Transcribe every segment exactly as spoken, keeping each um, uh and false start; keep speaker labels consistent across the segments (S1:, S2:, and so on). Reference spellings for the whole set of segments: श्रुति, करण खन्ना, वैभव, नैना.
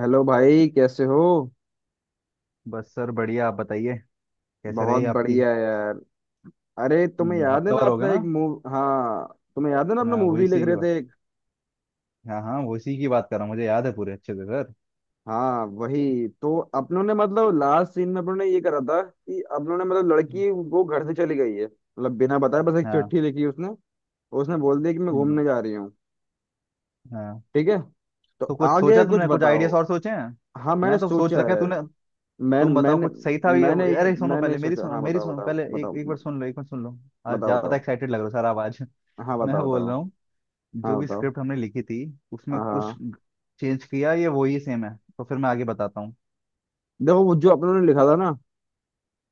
S1: Hello भाई, कैसे हो।
S2: बस सर, बढ़िया। आप बताइए, कैसे
S1: बहुत
S2: रही आपकी।
S1: बढ़िया यार। अरे तुम्हें
S2: हम्म,
S1: याद है ना
S2: हफ्तावार हो गया
S1: अपना
S2: ना।
S1: एक मूव। हाँ, तुम्हें याद है ना अपना
S2: हाँ, वो
S1: मूवी लिख
S2: इसी की
S1: रहे
S2: बात।
S1: थे।
S2: हाँ, हाँ, वो इसी की बात कर रहा हूँ, मुझे याद है पूरे अच्छे से सर।
S1: हाँ वही तो, अपनों ने मतलब लास्ट सीन में अपनों ने ये करा था कि अपनों ने मतलब लड़की वो घर से चली गई है, मतलब बिना बताए बस एक
S2: हाँ।
S1: चिट्ठी लिखी उसने। और उसने बोल दिया कि मैं
S2: हम्म।
S1: घूमने जा रही हूँ।
S2: हाँ।
S1: ठीक है, तो
S2: तो कुछ सोचा
S1: आगे कुछ
S2: तुमने, कुछ
S1: बताओ।
S2: आइडियाज और सोचे हैं?
S1: हाँ मैंने
S2: मैं तो सोच
S1: सोचा
S2: रखा है
S1: है।
S2: तूने।
S1: मैं
S2: तुम बताओ,
S1: मैंने
S2: कुछ सही था भी?
S1: मैंने
S2: अरे सुनो
S1: मैंने
S2: पहले, मेरी
S1: सोचा।
S2: सुनो,
S1: हाँ
S2: मेरी
S1: बताओ
S2: सुनो
S1: बताओ
S2: पहले, एक
S1: बताओ।
S2: एक बार सुन लो, एक बार सुन लो। आज
S1: बताओ
S2: ज्यादा
S1: बताओ।
S2: एक्साइटेड लग रहे हो सर, आवाज
S1: हाँ
S2: मैं
S1: बताओ
S2: बोल
S1: बताओ।
S2: रहा हूँ, जो
S1: हाँ
S2: भी
S1: बताओ।
S2: स्क्रिप्ट हमने लिखी थी उसमें
S1: हाँ
S2: कुछ
S1: हाँ।
S2: चेंज किया? ये वही सेम है तो फिर मैं आगे बताता हूँ।
S1: देखो वो जो आप लोगों ने लिखा था ना,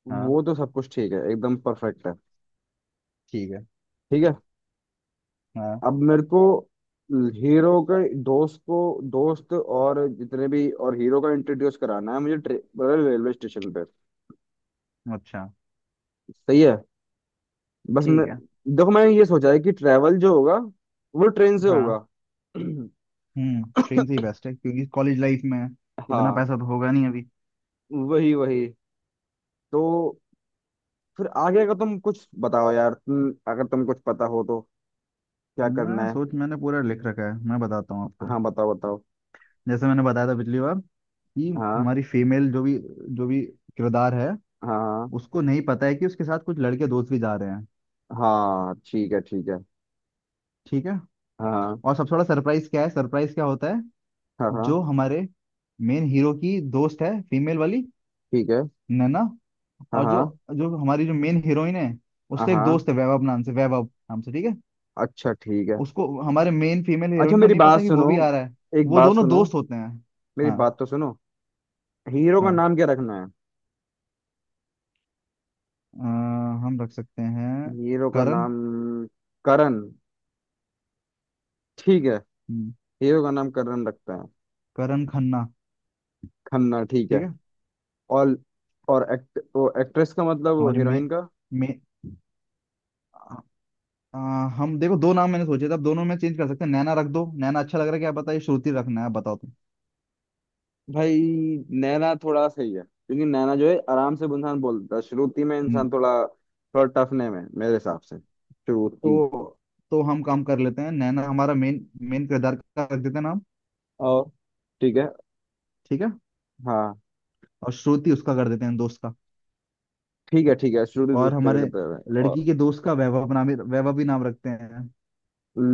S2: हाँ।
S1: वो तो सब कुछ ठीक है, एकदम परफेक्ट है।
S2: ठीक है।
S1: ठीक है।
S2: हाँ।
S1: अब मेरे को हीरो के दोस्त को, दोस्त और जितने भी और हीरो का इंट्रोड्यूस कराना है मुझे रेलवे स्टेशन पे।
S2: अच्छा,
S1: सही है। बस मैं,
S2: ठीक है।
S1: देखो मैंने ये सोचा है कि ट्रैवल जो होगा वो ट्रेन से
S2: हाँ।
S1: होगा।
S2: हम्म ट्रेन से ही बेस्ट है, क्योंकि कॉलेज लाइफ में इतना
S1: हाँ
S2: पैसा तो होगा नहीं अभी।
S1: वही वही। तो फिर आगे का तुम कुछ बताओ यार, तुम अगर तुम कुछ पता हो तो क्या
S2: मैं
S1: करना है।
S2: सोच मैंने पूरा लिख रखा है, मैं बताता हूँ आपको।
S1: हाँ बताओ बताओ।
S2: जैसे मैंने बताया था पिछली बार कि
S1: हाँ।
S2: हमारी फीमेल जो भी जो भी किरदार है,
S1: हाँ हाँ।
S2: उसको नहीं पता है कि उसके साथ कुछ लड़के दोस्त भी जा रहे हैं।
S1: हाँ ठीक है ठीक है।
S2: ठीक है।
S1: हाँ
S2: और सबसे बड़ा सरप्राइज क्या है, सरप्राइज क्या होता है?
S1: हाँ हाँ।
S2: जो हमारे मेन हीरो की दोस्त है, फीमेल वाली,
S1: ठीक है।
S2: नैना।
S1: हाँ
S2: और जो
S1: हाँ
S2: जो हमारी जो मेन हीरोइन है,
S1: हाँ
S2: उसका एक
S1: हाँ,
S2: दोस्त है, वैभव नाम से वैभव नाम से, ठीक है।
S1: अच्छा ठीक है।
S2: उसको हमारे मेन फीमेल
S1: अच्छा
S2: हीरोइन को
S1: मेरी
S2: नहीं
S1: बात
S2: पता कि वो
S1: सुनो,
S2: भी आ रहा है,
S1: एक
S2: वो
S1: बात
S2: दोनों
S1: सुनो।
S2: दोस्त होते हैं।
S1: मेरी
S2: हाँ,
S1: बात तो सुनो। हीरो का
S2: हाँ,
S1: नाम क्या रखना है।
S2: अ, हम रख सकते हैं
S1: हीरो का
S2: करण।
S1: नाम करण, ठीक है।
S2: हम्म,
S1: हीरो का नाम करण रखते हैं।
S2: करण खन्ना,
S1: खन्ना, ठीक
S2: ठीक
S1: है।
S2: है।
S1: और और एक्ट वो एक्ट्रेस का मतलब वो
S2: हमारी मे
S1: हीरोइन का।
S2: मे अ, हम देखो, दो नाम मैंने सोचे थे, अब दोनों में चेंज कर सकते हैं। नैना रख दो, नैना अच्छा लग रहा है? क्या पता ये श्रुति रखना है? बताओ तुम।
S1: भाई नैना थोड़ा सही है, क्योंकि नैना जो है आराम से इंसान बोलता है, श्रुति में इंसान
S2: हम्म,
S1: थोड़ा थोड़ा टफ नेम है मेरे हिसाब से श्रुति।
S2: तो तो हम काम कर लेते हैं, नैना हमारा मेन मेन किरदार का रख देते हैं नाम।
S1: और ठीक है।
S2: ठीक है।
S1: हाँ
S2: और श्रुति उसका कर देते हैं दोस्त का।
S1: ठीक है ठीक है, शुरू से
S2: और
S1: दोस्त का
S2: हमारे
S1: करते हैं।
S2: लड़की
S1: और
S2: के दोस्त का वैभव नाम ही- वैभव भी नाम रखते हैं।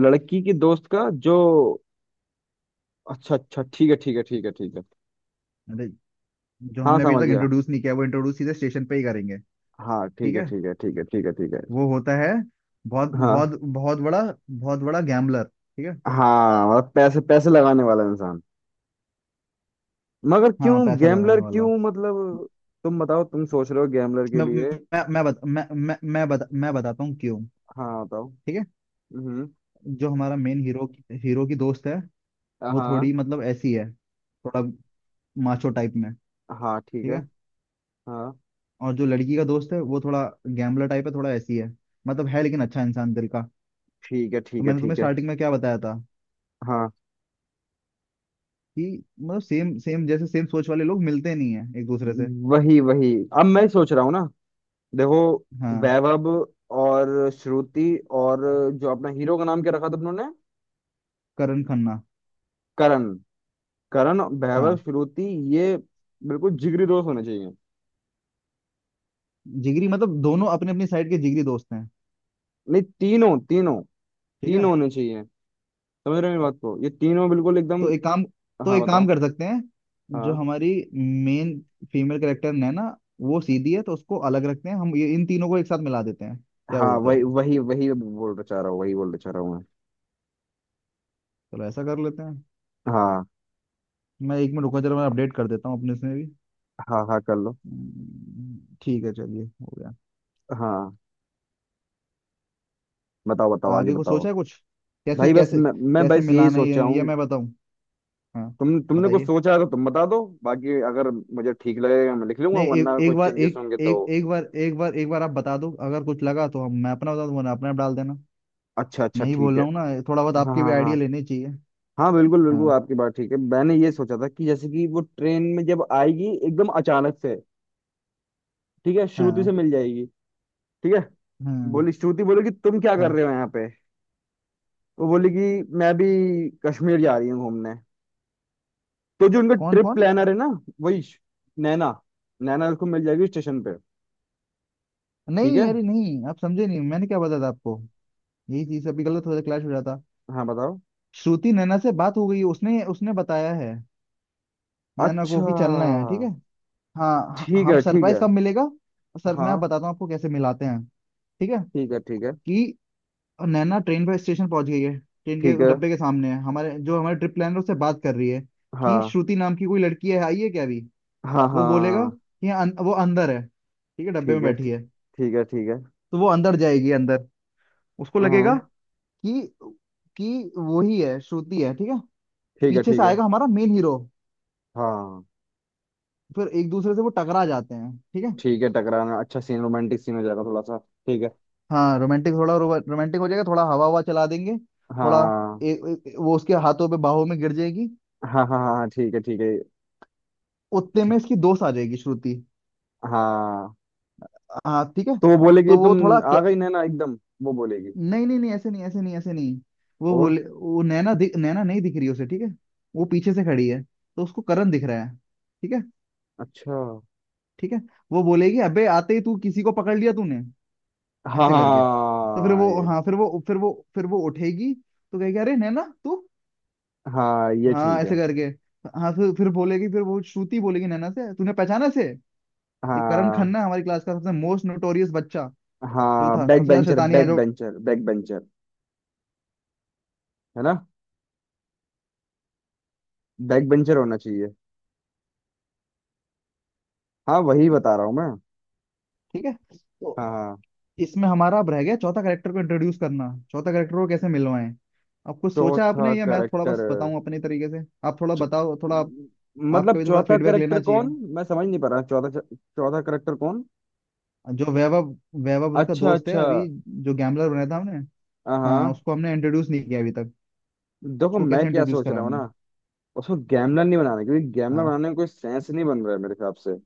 S1: लड़की की दोस्त का जो, अच्छा अच्छा ठीक है ठीक है ठीक है ठीक है।
S2: अरे, जो
S1: हाँ
S2: हमने अभी
S1: समझ
S2: तक
S1: गया।
S2: इंट्रोड्यूस नहीं किया, वो इंट्रोड्यूस सीधे स्टेशन पे ही करेंगे।
S1: हाँ ठीक
S2: ठीक
S1: है
S2: है।
S1: ठीक है ठीक है ठीक है ठीक है।
S2: वो होता है बहुत
S1: हाँ
S2: बहुत बहुत बड़ा, बहुत बड़ा गैम्बलर, ठीक है।
S1: हाँ, मतलब पैसे पैसे लगाने वाला इंसान। मगर क्यों
S2: हाँ, पैसा लगाने
S1: गैम्बलर
S2: वाला।
S1: क्यों, मतलब तुम बताओ, तुम सोच रहे हो गैम्बलर के
S2: मैं
S1: लिए।
S2: मैं मैं बत, मैं मैं मैं, बता, मैं बताता हूँ क्यों।
S1: हाँ बताओ।
S2: ठीक है।
S1: हम्म।
S2: जो हमारा मेन हीरो हीरो की दोस्त है, वो
S1: हाँ
S2: थोड़ी मतलब ऐसी है, थोड़ा माचो टाइप में।
S1: हाँ ठीक
S2: ठीक
S1: है।
S2: है।
S1: हाँ
S2: और जो लड़की का दोस्त है, वो थोड़ा गैम्बलर टाइप है, थोड़ा ऐसी है मतलब, है लेकिन अच्छा इंसान दिल का।
S1: ठीक है
S2: तो
S1: ठीक है
S2: मैंने तुम्हें
S1: ठीक है।
S2: स्टार्टिंग में क्या बताया था
S1: हाँ
S2: कि मतलब सेम सेम जैसे सेम सोच वाले लोग मिलते नहीं है एक दूसरे से।
S1: वही वही। अब मैं सोच रहा हूँ ना, देखो
S2: हाँ।
S1: वैभव और श्रुति और जो अपना हीरो का नाम क्या रखा था उन्होंने,
S2: करण खन्ना।
S1: करण। करण वैभव
S2: हाँ।
S1: श्रुति, ये बिल्कुल जिगरी दोस्त होने चाहिए।
S2: जिगरी मतलब दोनों अपने अपनी साइड के जिगरी दोस्त हैं।
S1: नहीं तीनों, तीनों।
S2: ठीक है।
S1: तीनों होने चाहिए। समझ रहे हो मेरी बात को, ये तीनों बिल्कुल एकदम।
S2: तो एक काम तो
S1: हाँ
S2: एक काम
S1: बताओ।
S2: कर सकते हैं। जो
S1: हाँ।
S2: हमारी मेन फीमेल कैरेक्टर नैना, वो सीधी है तो उसको अलग रखते हैं। हम ये इन तीनों को एक साथ मिला देते हैं। क्या
S1: हाँ
S2: बोलते
S1: वही
S2: हो?
S1: वही वही बोलना चाह रहा हूँ, वही बोलना चाह रहा हूँ मैं।
S2: चलो ऐसा कर लेते हैं।
S1: हाँ
S2: मैं एक मिनट रुको जरा, मैं अपडेट कर देता हूँ अपने इसमें भी।
S1: हाँ, हाँ कर लो।
S2: हम्म, ठीक है, चलिए, हो गया।
S1: हाँ बताओ बताओ, आगे
S2: आगे कुछ
S1: बताओ।
S2: सोचा है कुछ, कैसे
S1: भाई बस
S2: कैसे?
S1: मैं, मैं
S2: कैसे
S1: बस यही
S2: मिलाना है
S1: सोचा
S2: ये, ये
S1: हूँ।
S2: मैं बताऊँ? हाँ,
S1: तुम तुमने कुछ
S2: बताइए।
S1: सोचा है तो तुम बता दो, बाकी अगर मुझे ठीक लगेगा मैं लिख लूंगा,
S2: नहीं, ए,
S1: वरना कोई
S2: एक बार,
S1: चेंजेस
S2: एक
S1: होंगे तो।
S2: एक एक बार, एक बार, एक बार आप बता दो, अगर कुछ लगा तो हम मैं अपना बता दूं, वरना अपना डाल देना।
S1: अच्छा अच्छा
S2: मैं ही बोल
S1: ठीक है।
S2: रहा हूँ ना, थोड़ा बहुत
S1: हाँ
S2: आपके भी
S1: हाँ
S2: आइडिया
S1: हाँ।
S2: लेने चाहिए।
S1: हाँ बिल्कुल बिल्कुल,
S2: हाँ,
S1: आपकी बात ठीक है। मैंने ये सोचा था कि जैसे कि वो ट्रेन में जब आएगी एकदम अचानक से, ठीक है, श्रुति से
S2: हाँ,
S1: मिल जाएगी। ठीक है।
S2: हाँ,
S1: बोली, श्रुति बोली कि तुम क्या कर
S2: हाँ।
S1: रहे हो यहाँ पे। वो बोली कि मैं भी कश्मीर जा रही हूँ घूमने। तो जो उनका
S2: कौन
S1: ट्रिप
S2: कौन।
S1: प्लानर है ना, वही श- नैना, नैना उसको मिल जाएगी स्टेशन पे। ठीक
S2: नहीं,
S1: है।
S2: अरे नहीं, आप समझे नहीं, मैंने क्या बताया था आपको। यही चीज अभी गलत हो जाता, क्लैश हो जाता।
S1: हाँ बताओ।
S2: श्रुति नैना से बात हो गई, उसने उसने बताया है नैना को
S1: अच्छा
S2: कि चलना है, ठीक है। हाँ, ह-
S1: ठीक
S2: हम
S1: है ठीक
S2: सरप्राइज
S1: है।
S2: कब मिलेगा? सर, मैं
S1: हाँ
S2: बताता हूँ आपको कैसे मिलाते हैं। ठीक है,
S1: ठीक है ठीक है
S2: कि और नैना ट्रेन पर स्टेशन पहुंच गई है, ट्रेन के
S1: ठीक है।
S2: डब्बे के सामने है। हमारे जो हमारे ट्रिप प्लानर उससे बात कर रही है कि
S1: हाँ
S2: श्रुति नाम की कोई लड़की है, आई है क्या अभी?
S1: हाँ
S2: वो बोलेगा
S1: हाँ
S2: कि अं, वो अंदर है, ठीक है, डब्बे में
S1: ठीक है।
S2: बैठी
S1: ठीक
S2: है।
S1: ठीक है ठीक है।
S2: तो वो अंदर जाएगी, अंदर उसको लगेगा
S1: हम्म।
S2: कि कि वही है, श्रुति है, ठीक है।
S1: ठीक है
S2: पीछे
S1: ठीक
S2: से
S1: है।
S2: आएगा हमारा मेन हीरो।
S1: हाँ
S2: फिर एक दूसरे से वो टकरा जाते हैं, ठीक है।
S1: ठीक है। टकराना अच्छा सीन, रोमांटिक सीन हो जाएगा थोड़ा सा। ठीक है।
S2: हाँ, रोमांटिक, थोड़ा रोमांटिक हो जाएगा, थोड़ा हवा हवा चला देंगे, थोड़ा।
S1: हाँ।
S2: ए, ए, वो उसके हाथों पे बाहों में गिर जाएगी।
S1: हाँ हाँ हाँ ठीक है ठीक है।
S2: उतने में
S1: ठीक-
S2: इसकी दोस्त आ जाएगी, श्रुति।
S1: हाँ,
S2: हाँ, ठीक है।
S1: तो वो बोलेगी,
S2: तो
S1: तुम
S2: वो थोड़ा
S1: आ
S2: क...
S1: गई नैना एकदम। वो बोलेगी।
S2: नहीं, नहीं, नहीं, ऐसे नहीं, ऐसे नहीं, ऐसे नहीं। वो
S1: और
S2: बोले, वो नैना दिख नैना नहीं दिख रही उसे, ठीक है। वो पीछे से खड़ी है, तो उसको करण दिख रहा है। ठीक है,
S1: अच्छा।
S2: ठीक है। वो बोलेगी, अबे आते ही तू किसी को पकड़ लिया तूने,
S1: हाँ
S2: ऐसे करके। तो फिर
S1: हाँ
S2: वो,
S1: ये,
S2: हाँ, फिर वो फिर वो फिर वो उठेगी। तो कहेगी, अरे नैना, तू।
S1: हाँ ये
S2: हाँ,
S1: ठीक
S2: ऐसे
S1: है।
S2: करके। हाँ, फिर फिर बोलेगी, फिर वो श्रुति बोलेगी नैना से, तूने पहचाना इसे? ये करण
S1: हाँ
S2: खन्ना है, हमारी क्लास का सबसे मोस्ट नोटोरियस बच्चा, जो
S1: हाँ,
S2: था सबसे
S1: बैक
S2: ज्यादा
S1: बेंचर
S2: शैतानिया
S1: बैक
S2: जो।
S1: Bencher back bencher. है ना, बैक बेंचर होना चाहिए। हाँ वही बता रहा हूँ मैं।
S2: ठीक है। तो
S1: हाँ हाँ।
S2: इसमें हमारा अब रह गया, चौथा करेक्टर को इंट्रोड्यूस करना, चौथा करेक्टर को कैसे मिलवाएं? अब कुछ सोचा
S1: चौथा
S2: आपने, या मैं थोड़ा
S1: करेक्टर,
S2: बस बताऊं अपने तरीके से? आप थोड़ा बताओ, थोड़ा आप, आपका
S1: मतलब
S2: भी थोड़ा
S1: चौथा
S2: फीडबैक
S1: करेक्टर
S2: लेना
S1: कौन।
S2: चाहिए।
S1: मैं समझ नहीं पा रहा चौथा चौथा करेक्टर कौन।
S2: जो वैभव वैभव उसका
S1: अच्छा
S2: दोस्त है
S1: अच्छा।
S2: अभी। जो गैम्बलर बनाया था हमने,
S1: हाँ
S2: हाँ,
S1: हाँ,
S2: उसको हमने इंट्रोड्यूस नहीं किया अभी तक।
S1: देखो
S2: उसको कैसे
S1: मैं क्या
S2: इंट्रोड्यूस
S1: सोच रहा हूँ
S2: कराना
S1: ना,
S2: है?
S1: उसको गैमलर नहीं बनाना, क्योंकि गैमलर
S2: हाँ,
S1: बनाने में कोई सेंस नहीं बन रहा है मेरे हिसाब से।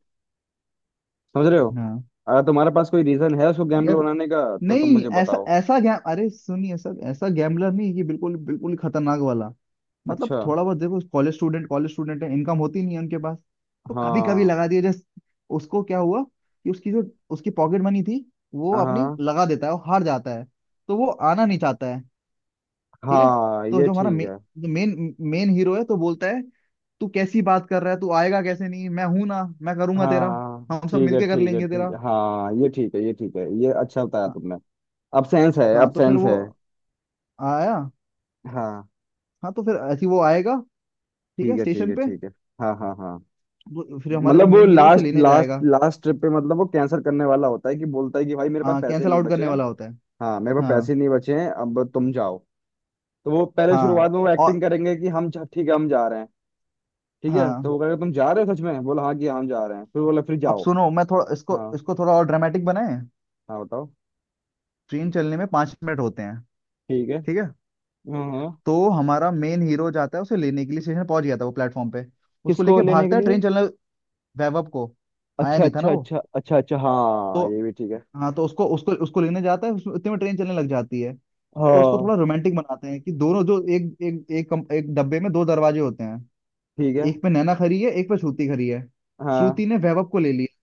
S1: समझ रहे हो।
S2: हाँ।
S1: अगर तुम्हारे पास कोई रीजन है उसको गैमलर
S2: यार,
S1: बनाने का तो तुम
S2: नहीं,
S1: मुझे
S2: ऐसा
S1: बताओ।
S2: ऐसा गैम अरे सुनिए सर, ऐसा गैम्बलर नहीं, ये बिल्कुल बिल्कुल ही खतरनाक वाला। मतलब
S1: अच्छा।
S2: थोड़ा बहुत देखो, कॉलेज स्टूडेंट, कॉलेज स्टूडेंट है, इनकम होती नहीं है उनके पास। तो कभी कभी
S1: हाँ
S2: लगा दिया, जैसे, उसको क्या हुआ कि उसकी जो उसकी पॉकेट मनी थी, वो अपनी
S1: हाँ
S2: लगा देता है, वो हार जाता है। तो वो आना नहीं चाहता है, ठीक है।
S1: हाँ
S2: तो
S1: ये
S2: जो हमारा
S1: ठीक
S2: मे,
S1: है।
S2: जो मेन मेन हीरो है, तो बोलता है, तू कैसी बात कर रहा है, तू आएगा कैसे? नहीं, मैं हूं ना, मैं करूंगा तेरा,
S1: हाँ
S2: हम सब
S1: ठीक है
S2: मिलके कर
S1: ठीक है
S2: लेंगे तेरा।
S1: ठीक है। हाँ ये ठीक है, ये ठीक है, ये अच्छा बताया
S2: हाँ,
S1: तुमने। अब सेंस है, अब
S2: हाँ, तो फिर
S1: सेंस
S2: वो
S1: है।
S2: आया।
S1: हाँ।
S2: हाँ, तो फिर ऐसे ही वो आएगा, ठीक
S1: ठीक
S2: है,
S1: है ठीक
S2: स्टेशन
S1: है
S2: पे।
S1: ठीक है। हाँ हाँ हाँ,
S2: वो- फिर हमारा जो
S1: मतलब वो
S2: मेन हीरो उसे
S1: लास्ट
S2: लेने
S1: लास्ट
S2: जाएगा।
S1: लास्ट ट्रिप पे मतलब वो कैंसिल करने वाला होता है कि बोलता है कि भाई मेरे पास
S2: हाँ,
S1: पैसे
S2: कैंसिल
S1: नहीं
S2: आउट करने
S1: बचे हैं।
S2: वाला होता है।
S1: हाँ मेरे पास
S2: हाँ,
S1: पैसे नहीं बचे हैं, अब तुम जाओ। तो वो पहले
S2: हाँ,
S1: शुरुआत में वो
S2: और,
S1: एक्टिंग करेंगे कि हम जा, ठीक है हम जा रहे हैं। ठीक है, तो
S2: हाँ,
S1: वो कहेगा तुम जा रहे हो सच में, बोला हाँ कि हम जा रहे हैं, फिर बोला फिर
S2: अब
S1: जाओ।
S2: सुनो, मैं थोड़ा इसको
S1: हाँ।
S2: इसको थोड़ा और ड्रामेटिक बनाए।
S1: हाँ बताओ।
S2: ट्रेन चलने में पाँच मिनट होते हैं,
S1: ठीक है।
S2: ठीक है।
S1: हाँ हाँ।
S2: तो हमारा मेन हीरो जाता है उसे लेने के लिए, स्टेशन पहुंच गया था वो प्लेटफॉर्म पे। उसको
S1: किसको
S2: लेके
S1: लेने के
S2: भागता है,
S1: लिए।
S2: ट्रेन चलने, वैभव को। आया
S1: अच्छा
S2: नहीं था ना
S1: अच्छा
S2: वो,
S1: अच्छा अच्छा अच्छा, हाँ
S2: तो।
S1: ये भी ठीक है।
S2: हाँ, तो उसको उसको उसको लेने जाता है, उसमें- इतने में ट्रेन चलने लग जाती है। तो उसको
S1: हाँ।
S2: थोड़ा रोमांटिक बनाते हैं कि दोनों जो एक एक एक कम, एक डब्बे में दो दरवाजे होते हैं।
S1: ठीक है।
S2: एक पे नैना खड़ी है, एक पे श्रुति खड़ी है।
S1: हाँ
S2: श्रुति ने वैभव को ले लिया,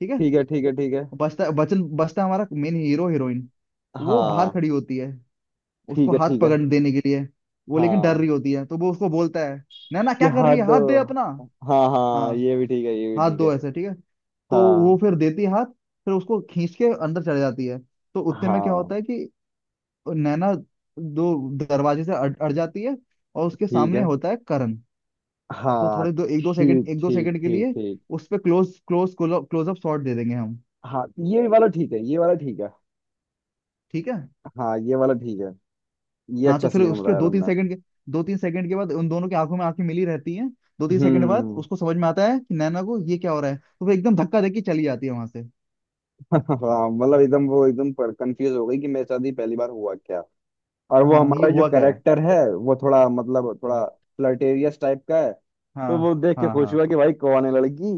S2: ठीक है।
S1: ठीक है ठीक है ठीक है।
S2: बचता बचन बचता हमारा मेन हीरो, हीरोइन। वो बाहर
S1: हाँ
S2: खड़ी होती है, उसको
S1: ठीक है
S2: हाथ
S1: ठीक है।
S2: पकड़ देने के लिए। वो लेकिन डर
S1: हाँ
S2: रही होती है, तो वो उसको बोलता है, नैना
S1: ये
S2: क्या कर रही है,
S1: हद।
S2: हाथ दे अपना।
S1: हाँ
S2: हाँ,
S1: हाँ ये भी ठीक है, ये भी
S2: हाथ
S1: ठीक
S2: दो
S1: है।
S2: ऐसे, ठीक है। तो वो
S1: हाँ।
S2: फिर देती है हाथ, फिर उसको खींच के अंदर चले जाती है। तो उतने में क्या
S1: हाँ
S2: होता है कि नैना दो दरवाजे से अड़, अड़ जाती है, और उसके
S1: ठीक
S2: सामने
S1: है।
S2: होता है करण। तो
S1: हाँ
S2: थोड़े दो, एक दो सेकंड,
S1: ठीक
S2: एक दो
S1: ठीक
S2: सेकंड के
S1: ठीक
S2: लिए
S1: ठीक।
S2: उस पे क्लोज क्लोज क्लोजअप शॉट दे देंगे हम,
S1: हाँ ये वाला ठीक है, ये वाला ठीक है।
S2: ठीक है।
S1: हाँ ये वाला ठीक है, ये
S2: हाँ, तो
S1: अच्छा
S2: फिर
S1: सीन
S2: उसके
S1: बताया
S2: दो तीन
S1: तुमने।
S2: सेकंड के दो तीन सेकंड के बाद उन दोनों की आंखों में आंखें मिली रहती हैं। दो तीन सेकंड बाद
S1: हम्म।
S2: उसको समझ में आता है कि नैना को ये क्या हो रहा है, तो वो एकदम धक्का देके चली जाती है वहां से।
S1: हाँ मतलब एकदम वो एकदम पर कंफ्यूज हो गई कि मेरे साथ ही पहली बार हुआ क्या। और वो
S2: हाँ, ये
S1: हमारा जो
S2: हुआ क्या है।
S1: करेक्टर है वो थोड़ा मतलब थोड़ा फ्लर्टेरियस टाइप का है।
S2: हाँ,
S1: तो वो देख के
S2: हाँ,
S1: खुश
S2: हाँ,
S1: हुआ कि भाई कौन है लड़की।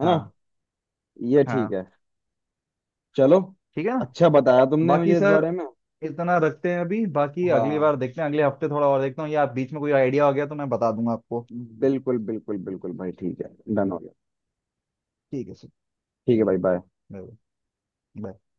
S1: है ना।
S2: हाँ,
S1: ये ठीक
S2: हाँ।
S1: है। चलो।
S2: ठीक है ना।
S1: अच्छा बताया तुमने
S2: बाकी
S1: मुझे इस
S2: सर,
S1: बारे में।
S2: इतना रखते हैं अभी। बाकी अगली
S1: हाँ
S2: बार देखते हैं, अगले हफ्ते थोड़ा और देखता हूँ, या बीच में कोई आइडिया आ गया तो मैं बता दूंगा आपको।
S1: बिल्कुल बिल्कुल बिल्कुल भाई, ठीक है। डन हो गया।
S2: ठीक है सर,
S1: ठीक है
S2: चलिए,
S1: भाई, बाय।
S2: Bye, bye.